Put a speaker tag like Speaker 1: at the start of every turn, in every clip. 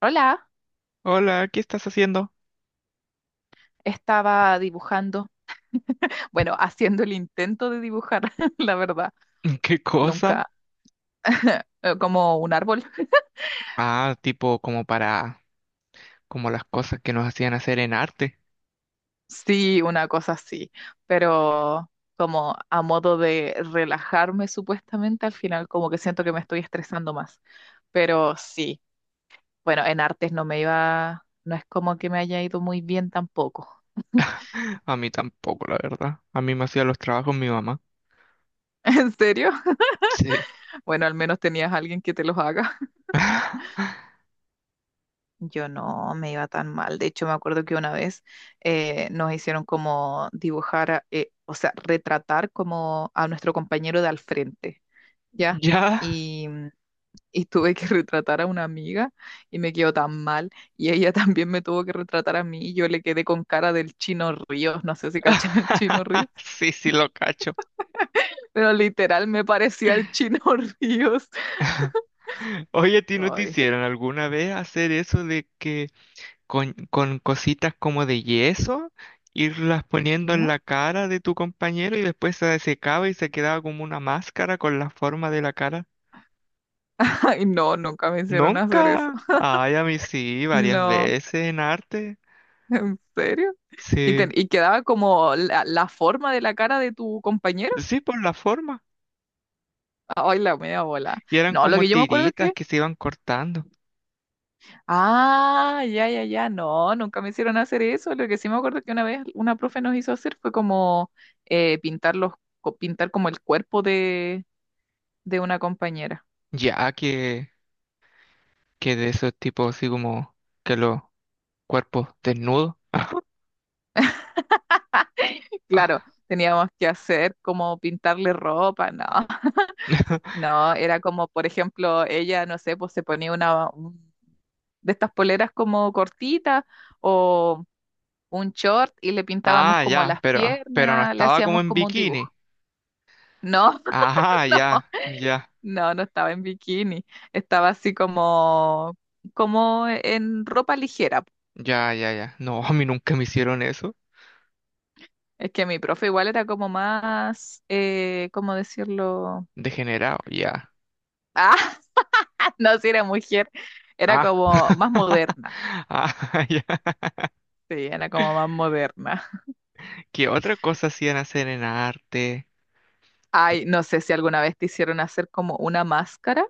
Speaker 1: Hola,
Speaker 2: Hola, ¿qué estás haciendo?
Speaker 1: estaba dibujando, bueno, haciendo el intento de dibujar, la verdad,
Speaker 2: ¿Qué cosa?
Speaker 1: nunca, como un árbol.
Speaker 2: Ah, tipo como para, como las cosas que nos hacían hacer en arte.
Speaker 1: Sí, una cosa así, pero como a modo de relajarme supuestamente, al final como que siento que me estoy estresando más, pero sí, bueno, en artes no me iba, no es como que me haya ido muy bien tampoco.
Speaker 2: A mí tampoco, la verdad. A mí me hacía los trabajos mi mamá.
Speaker 1: ¿En serio?
Speaker 2: Sí.
Speaker 1: Bueno, al menos tenías a alguien que te los haga. Yo no me iba tan mal. De hecho, me acuerdo que una vez nos hicieron como dibujar, o sea, retratar como a nuestro compañero de al frente, ¿ya?
Speaker 2: ¿Ya?
Speaker 1: Y, y tuve que retratar a una amiga y me quedó tan mal. Y ella también me tuvo que retratar a mí y yo le quedé con cara del Chino Ríos. No sé si caché el Chino Ríos,
Speaker 2: Sí, sí, lo cacho.
Speaker 1: pero literal me parecía el Chino Ríos.
Speaker 2: Oye, ¿a ti no te
Speaker 1: Ay,
Speaker 2: hicieron alguna vez hacer eso de que con cositas como de yeso, irlas poniendo en
Speaker 1: ¿ya?
Speaker 2: la cara de tu compañero y después se secaba y se quedaba como una máscara con la forma de la cara?
Speaker 1: Ay, no, nunca me hicieron hacer eso.
Speaker 2: Nunca. Ay, a mí sí, varias
Speaker 1: No.
Speaker 2: veces en arte.
Speaker 1: ¿En serio? Y,
Speaker 2: Sí,
Speaker 1: y quedaba como la forma de la cara de tu compañero.
Speaker 2: sí, por la forma.
Speaker 1: Ay, la media bola.
Speaker 2: Y eran
Speaker 1: No, lo
Speaker 2: como
Speaker 1: que yo me acuerdo es
Speaker 2: tiritas
Speaker 1: que.
Speaker 2: que se iban cortando.
Speaker 1: Ah, ya, ya, ya. No, nunca me hicieron hacer eso. Lo que sí me acuerdo que una vez una profe nos hizo hacer fue como pintar pintar como el cuerpo de una compañera.
Speaker 2: Ya que de esos tipos así como que los cuerpos desnudos.
Speaker 1: Claro, teníamos que hacer como pintarle ropa, no. No, era como, por ejemplo, ella, no sé, pues se ponía de estas poleras como cortitas o un short y le pintábamos
Speaker 2: Ah,
Speaker 1: como
Speaker 2: ya,
Speaker 1: las
Speaker 2: pero no
Speaker 1: piernas, le
Speaker 2: estaba como
Speaker 1: hacíamos
Speaker 2: en
Speaker 1: como un
Speaker 2: bikini.
Speaker 1: dibujo. No,
Speaker 2: Ah,
Speaker 1: no,
Speaker 2: ya, ya,
Speaker 1: no, no estaba en bikini, estaba así como, como en ropa ligera.
Speaker 2: ya, ya, ya. No, a mí nunca me hicieron eso.
Speaker 1: Es que mi profe igual era como más, ¿cómo decirlo?
Speaker 2: Degenerado, ya.
Speaker 1: Ah, no, si era mujer, era
Speaker 2: Ah,
Speaker 1: como más moderna.
Speaker 2: ah, ya.
Speaker 1: Sí, era como más moderna.
Speaker 2: ¿Qué otra cosa hacían hacer en arte?
Speaker 1: Ay, no sé si alguna vez te hicieron hacer como una máscara,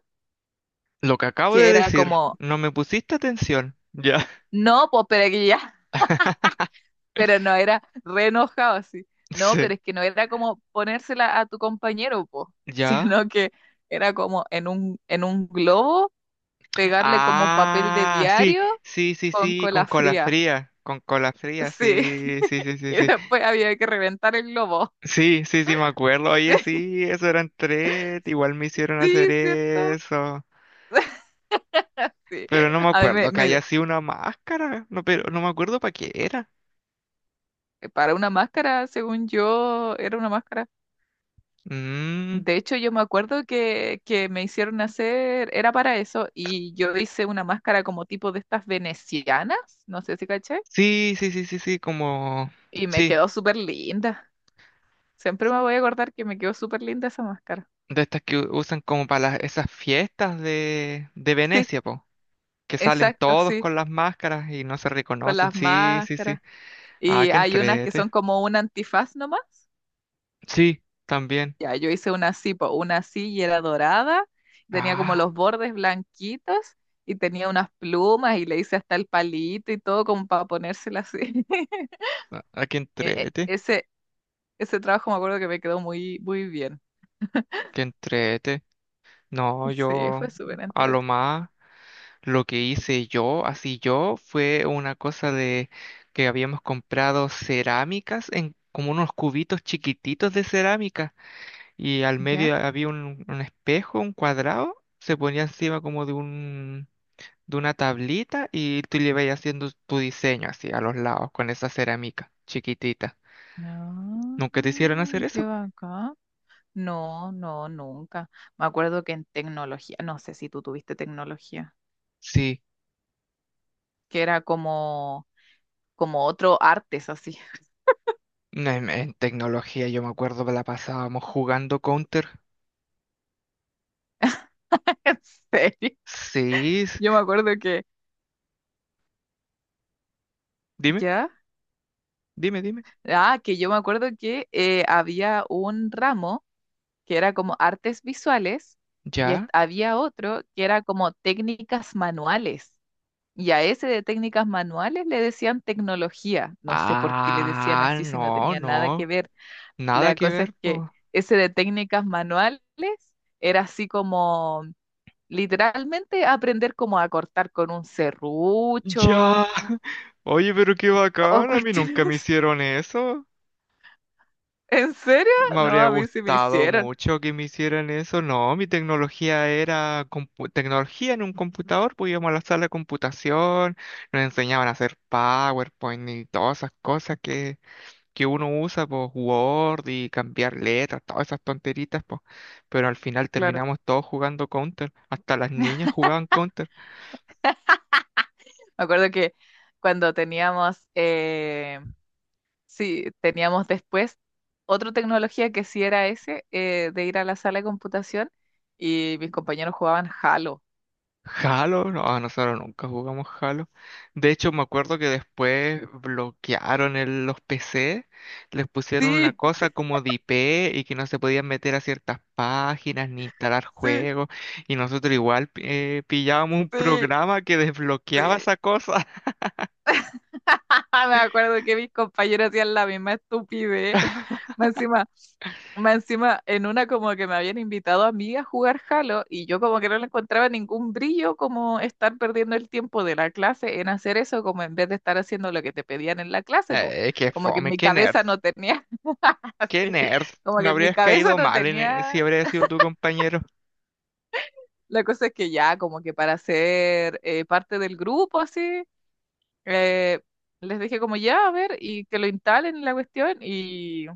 Speaker 2: Lo que acabo
Speaker 1: que
Speaker 2: de
Speaker 1: era
Speaker 2: decir,
Speaker 1: como,
Speaker 2: no me pusiste atención. Ya.
Speaker 1: no, pues pero aquí ya. Pero no era re enojado así. No,
Speaker 2: Sí.
Speaker 1: pero es que no era como ponérsela a tu compañero, po,
Speaker 2: ¿Ya?
Speaker 1: sino que era como en un globo, pegarle como papel de
Speaker 2: Ah, sí,
Speaker 1: diario
Speaker 2: sí, sí,
Speaker 1: con
Speaker 2: sí,
Speaker 1: cola fría.
Speaker 2: con cola fría,
Speaker 1: Sí,
Speaker 2: sí, sí, sí, sí,
Speaker 1: y
Speaker 2: sí.
Speaker 1: después había que reventar el globo.
Speaker 2: Sí, sí, sí, me acuerdo. Oye, sí, eso eran tres, igual me hicieron hacer
Speaker 1: Sí, sí, ¿cierto?
Speaker 2: eso.
Speaker 1: Sí.
Speaker 2: Pero no me
Speaker 1: A mí me,
Speaker 2: acuerdo que
Speaker 1: me-
Speaker 2: haya sido una máscara, no, pero no me acuerdo para qué era.
Speaker 1: Para una máscara, según yo, era una máscara.
Speaker 2: Mm,
Speaker 1: De hecho, yo me acuerdo que me hicieron hacer, era para eso, y yo hice una máscara como tipo de estas venecianas, no sé si caché,
Speaker 2: sí, sí, sí, sí, sí, como,
Speaker 1: y me
Speaker 2: sí,
Speaker 1: quedó súper linda. Siempre me voy a acordar que me quedó súper linda esa máscara.
Speaker 2: de estas que usan como para las, esas fiestas de
Speaker 1: Sí,
Speaker 2: Venecia, po. Que salen
Speaker 1: exacto,
Speaker 2: todos
Speaker 1: sí,
Speaker 2: con las máscaras y no se
Speaker 1: con
Speaker 2: reconocen.
Speaker 1: las
Speaker 2: Sí, sí, sí.
Speaker 1: máscaras.
Speaker 2: Ah,
Speaker 1: Y
Speaker 2: que
Speaker 1: hay unas que
Speaker 2: entrete.
Speaker 1: son como un antifaz nomás.
Speaker 2: Sí, también.
Speaker 1: Ya, yo hice una así, po, una así y era dorada, tenía como
Speaker 2: Ah,
Speaker 1: los bordes blanquitos y tenía unas plumas y le hice hasta el palito y todo como para ponérsela así.
Speaker 2: a que
Speaker 1: E- e-
Speaker 2: entrete,
Speaker 1: ese, ese trabajo me acuerdo que me quedó muy, muy bien.
Speaker 2: que entrete. No,
Speaker 1: Sí,
Speaker 2: yo
Speaker 1: fue súper
Speaker 2: a lo
Speaker 1: entretenido.
Speaker 2: más lo que hice yo, así yo, fue una cosa de que habíamos comprado cerámicas en como unos cubitos chiquititos de cerámica y al
Speaker 1: ¿Ya?
Speaker 2: medio había un espejo, un cuadrado, se ponía encima como de un de una tablita y tú le vas haciendo tu diseño así a los lados con esa cerámica chiquitita.
Speaker 1: No,
Speaker 2: ¿Nunca te hicieron hacer
Speaker 1: qué
Speaker 2: eso?
Speaker 1: bacán. No, no, nunca. Me acuerdo que en tecnología, no sé si tú tuviste tecnología,
Speaker 2: Sí,
Speaker 1: que era como, como otro artes así.
Speaker 2: no, en tecnología yo me acuerdo que la pasábamos jugando Counter.
Speaker 1: En serio.
Speaker 2: Sí,
Speaker 1: Yo me acuerdo que,
Speaker 2: dime,
Speaker 1: ¿ya?
Speaker 2: dime, dime.
Speaker 1: Ah, que yo me acuerdo que había un ramo que era como artes visuales y
Speaker 2: ¿Ya?
Speaker 1: había otro que era como técnicas manuales. Y a ese de técnicas manuales le decían tecnología. No sé por qué le decían
Speaker 2: Ah,
Speaker 1: así si no
Speaker 2: no,
Speaker 1: tenía nada que
Speaker 2: no,
Speaker 1: ver.
Speaker 2: nada
Speaker 1: La
Speaker 2: que
Speaker 1: cosa es
Speaker 2: ver,
Speaker 1: que
Speaker 2: po.
Speaker 1: ese de técnicas manuales era así como literalmente aprender cómo a cortar con un serrucho
Speaker 2: Ya. Oye, pero qué
Speaker 1: o
Speaker 2: bacán, a mí nunca me
Speaker 1: cuestiones.
Speaker 2: hicieron eso.
Speaker 1: ¿En serio?
Speaker 2: Me
Speaker 1: No,
Speaker 2: habría
Speaker 1: a mí sí me
Speaker 2: gustado
Speaker 1: hicieron,
Speaker 2: mucho que me hicieran eso. No, mi tecnología era tecnología en un computador. Pues íbamos a la sala de computación, nos enseñaban a hacer PowerPoint y todas esas cosas que uno usa, pues Word y cambiar letras, todas esas tonteritas, pues. Pero al final
Speaker 1: claro.
Speaker 2: terminamos todos jugando Counter. Hasta las niñas jugaban Counter.
Speaker 1: Me acuerdo que cuando teníamos sí, teníamos después otra tecnología que sí era ese, de ir a la sala de computación y mis compañeros jugaban Halo.
Speaker 2: Halo, no, ah, nosotros nunca jugamos Halo. De hecho, me acuerdo que después bloquearon los PC, les pusieron una
Speaker 1: Sí,
Speaker 2: cosa como de IP y que no se podían meter a ciertas páginas ni instalar
Speaker 1: sí,
Speaker 2: juegos. Y nosotros igual pillábamos un
Speaker 1: sí,
Speaker 2: programa que desbloqueaba
Speaker 1: sí.
Speaker 2: esa cosa.
Speaker 1: Ah, me acuerdo que mis compañeros hacían la misma estupidez. Más encima, más encima, en una como que me habían invitado a mí a jugar Halo y yo como que no le encontraba ningún brillo como estar perdiendo el tiempo de la clase en hacer eso, como en vez de estar haciendo lo que te pedían en la clase, pues
Speaker 2: Qué
Speaker 1: como que en
Speaker 2: fome,
Speaker 1: mi
Speaker 2: qué nerd,
Speaker 1: cabeza no tenía.
Speaker 2: qué
Speaker 1: Así,
Speaker 2: nerd.
Speaker 1: como
Speaker 2: Me
Speaker 1: que en mi
Speaker 2: habrías
Speaker 1: cabeza
Speaker 2: caído
Speaker 1: no
Speaker 2: mal en
Speaker 1: tenía,
Speaker 2: si habrías sido tu compañero
Speaker 1: la cosa es que ya, como que para ser parte del grupo, así, eh, les dije como ya, a ver, y que lo instalen la cuestión, y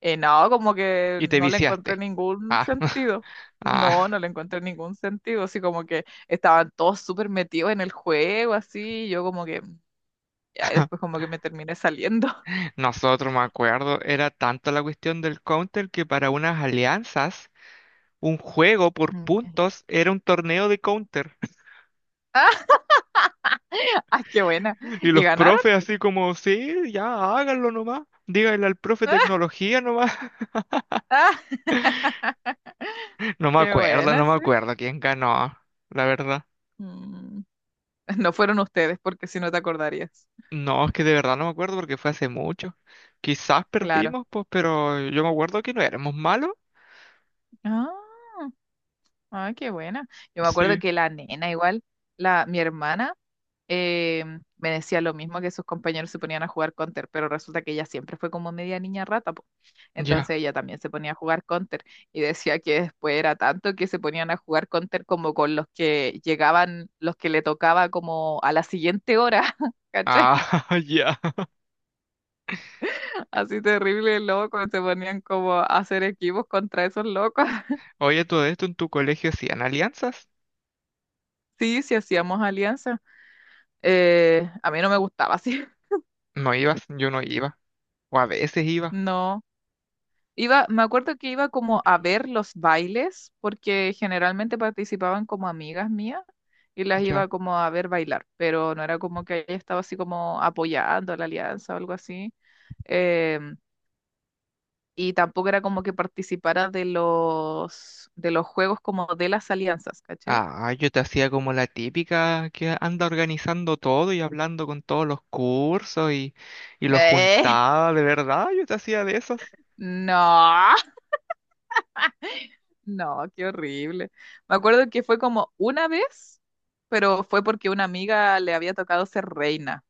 Speaker 1: no, como que
Speaker 2: y te
Speaker 1: no le encontré
Speaker 2: viciaste.
Speaker 1: ningún
Speaker 2: Ah,
Speaker 1: sentido. No,
Speaker 2: ah.
Speaker 1: no le encontré ningún sentido, así como que estaban todos súper metidos en el juego, así, y yo como que, ya, y después como que me terminé saliendo.
Speaker 2: Nosotros, me acuerdo, era tanto la cuestión del Counter que para unas alianzas, un juego por
Speaker 1: Mm.
Speaker 2: puntos era un torneo de Counter.
Speaker 1: ¡Ah! Ah, ¡qué buena!
Speaker 2: Y
Speaker 1: ¿Y
Speaker 2: los
Speaker 1: ganaron?
Speaker 2: profes así como, sí, ya háganlo nomás. Díganle al profe tecnología nomás.
Speaker 1: ¡Ah!
Speaker 2: No me
Speaker 1: ¡Qué
Speaker 2: acuerdo,
Speaker 1: buena,
Speaker 2: no me
Speaker 1: sí!
Speaker 2: acuerdo quién ganó, la verdad.
Speaker 1: Mm. No fueron ustedes, porque si no te acordarías.
Speaker 2: No, es que de verdad no me acuerdo porque fue hace mucho. Quizás
Speaker 1: Claro.
Speaker 2: perdimos, pues, pero yo me acuerdo que no éramos malos.
Speaker 1: Ah, ah, qué buena. Yo me acuerdo
Speaker 2: Sí,
Speaker 1: que la nena, igual, la, mi hermana, eh, me decía lo mismo que sus compañeros se ponían a jugar Counter, pero resulta que ella siempre fue como media niña rata, po.
Speaker 2: ya.
Speaker 1: Entonces ella también se ponía a jugar Counter y decía que después era tanto que se ponían a jugar Counter como con los que llegaban, los que le tocaba como a la siguiente hora, ¿cachai?
Speaker 2: Ah, ya.
Speaker 1: Así terrible, loco, se ponían como a hacer equipos contra esos locos.
Speaker 2: Oye, todo esto en tu colegio hacían alianzas.
Speaker 1: Sí, sí hacíamos alianza. A mí no me gustaba así.
Speaker 2: No ibas, yo no iba. O a veces iba.
Speaker 1: No. Iba, me acuerdo que iba como a ver los bailes, porque generalmente participaban como amigas mías y las
Speaker 2: Ya.
Speaker 1: iba como a ver bailar, pero no era como que ella estaba así como apoyando la alianza o algo así. Em, y tampoco era como que participara de los juegos como de las alianzas, ¿cachai?
Speaker 2: Ah, yo te hacía como la típica que anda organizando todo y hablando con todos los cursos y los
Speaker 1: Eh,
Speaker 2: juntaba, de verdad, yo te hacía de esas.
Speaker 1: no. No, qué horrible. Me acuerdo que fue como una vez, pero fue porque una amiga le había tocado ser reina.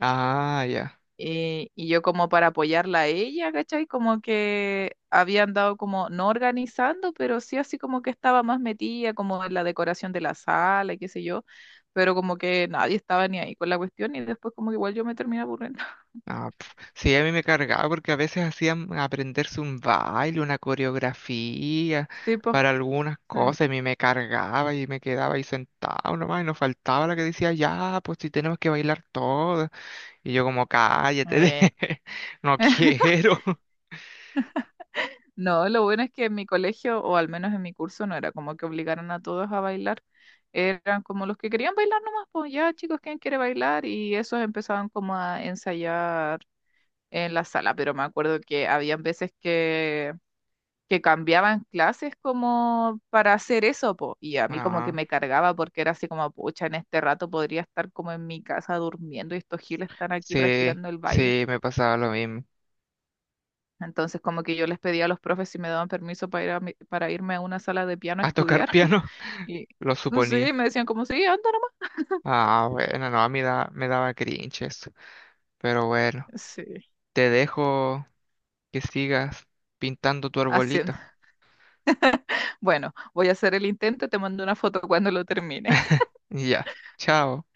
Speaker 2: Ah, ya.
Speaker 1: Y yo como para apoyarla a ella, ¿cachai? Como que había andado como no organizando, pero sí así como que estaba más metida como en la decoración de la sala y qué sé yo, pero como que nadie estaba ni ahí con la cuestión y después como que igual yo me terminé aburriendo.
Speaker 2: Ah, pf. Sí, a mí me cargaba porque a veces hacían aprenderse un baile, una coreografía
Speaker 1: Sí, pues.
Speaker 2: para algunas
Speaker 1: Eh.
Speaker 2: cosas, y a mí me cargaba y me quedaba ahí sentado nomás y nos faltaba la que decía, ya, pues si tenemos que bailar todo. Y yo como, cállate,
Speaker 1: Eh.
Speaker 2: no quiero.
Speaker 1: No, lo bueno es que en mi colegio, o al menos en mi curso, no era como que obligaran a todos a bailar. Eran como los que querían bailar nomás, pues ya chicos, ¿quién quiere bailar? Y esos empezaban como a ensayar en la sala, pero me acuerdo que habían veces que cambiaban clases como para hacer eso, po. Y a mí como que
Speaker 2: Ah,
Speaker 1: me cargaba porque era así como, pucha, en este rato podría estar como en mi casa durmiendo y estos giles están aquí
Speaker 2: sí,
Speaker 1: practicando el baile.
Speaker 2: sí, me pasaba lo mismo.
Speaker 1: Entonces, como que yo les pedía a los profes si me daban permiso para ir a para irme a una sala de piano a
Speaker 2: A tocar
Speaker 1: estudiar.
Speaker 2: piano,
Speaker 1: Y
Speaker 2: lo
Speaker 1: sí,
Speaker 2: suponía.
Speaker 1: me decían como, sí, anda nomás.
Speaker 2: Ah, bueno, no, a mí me daba cringe eso. Pero bueno,
Speaker 1: Sí,
Speaker 2: te dejo que sigas pintando tu arbolito.
Speaker 1: haciendo. Bueno, voy a hacer el intento, te mando una foto cuando lo termine.
Speaker 2: Y ya, chao.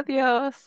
Speaker 1: Adiós.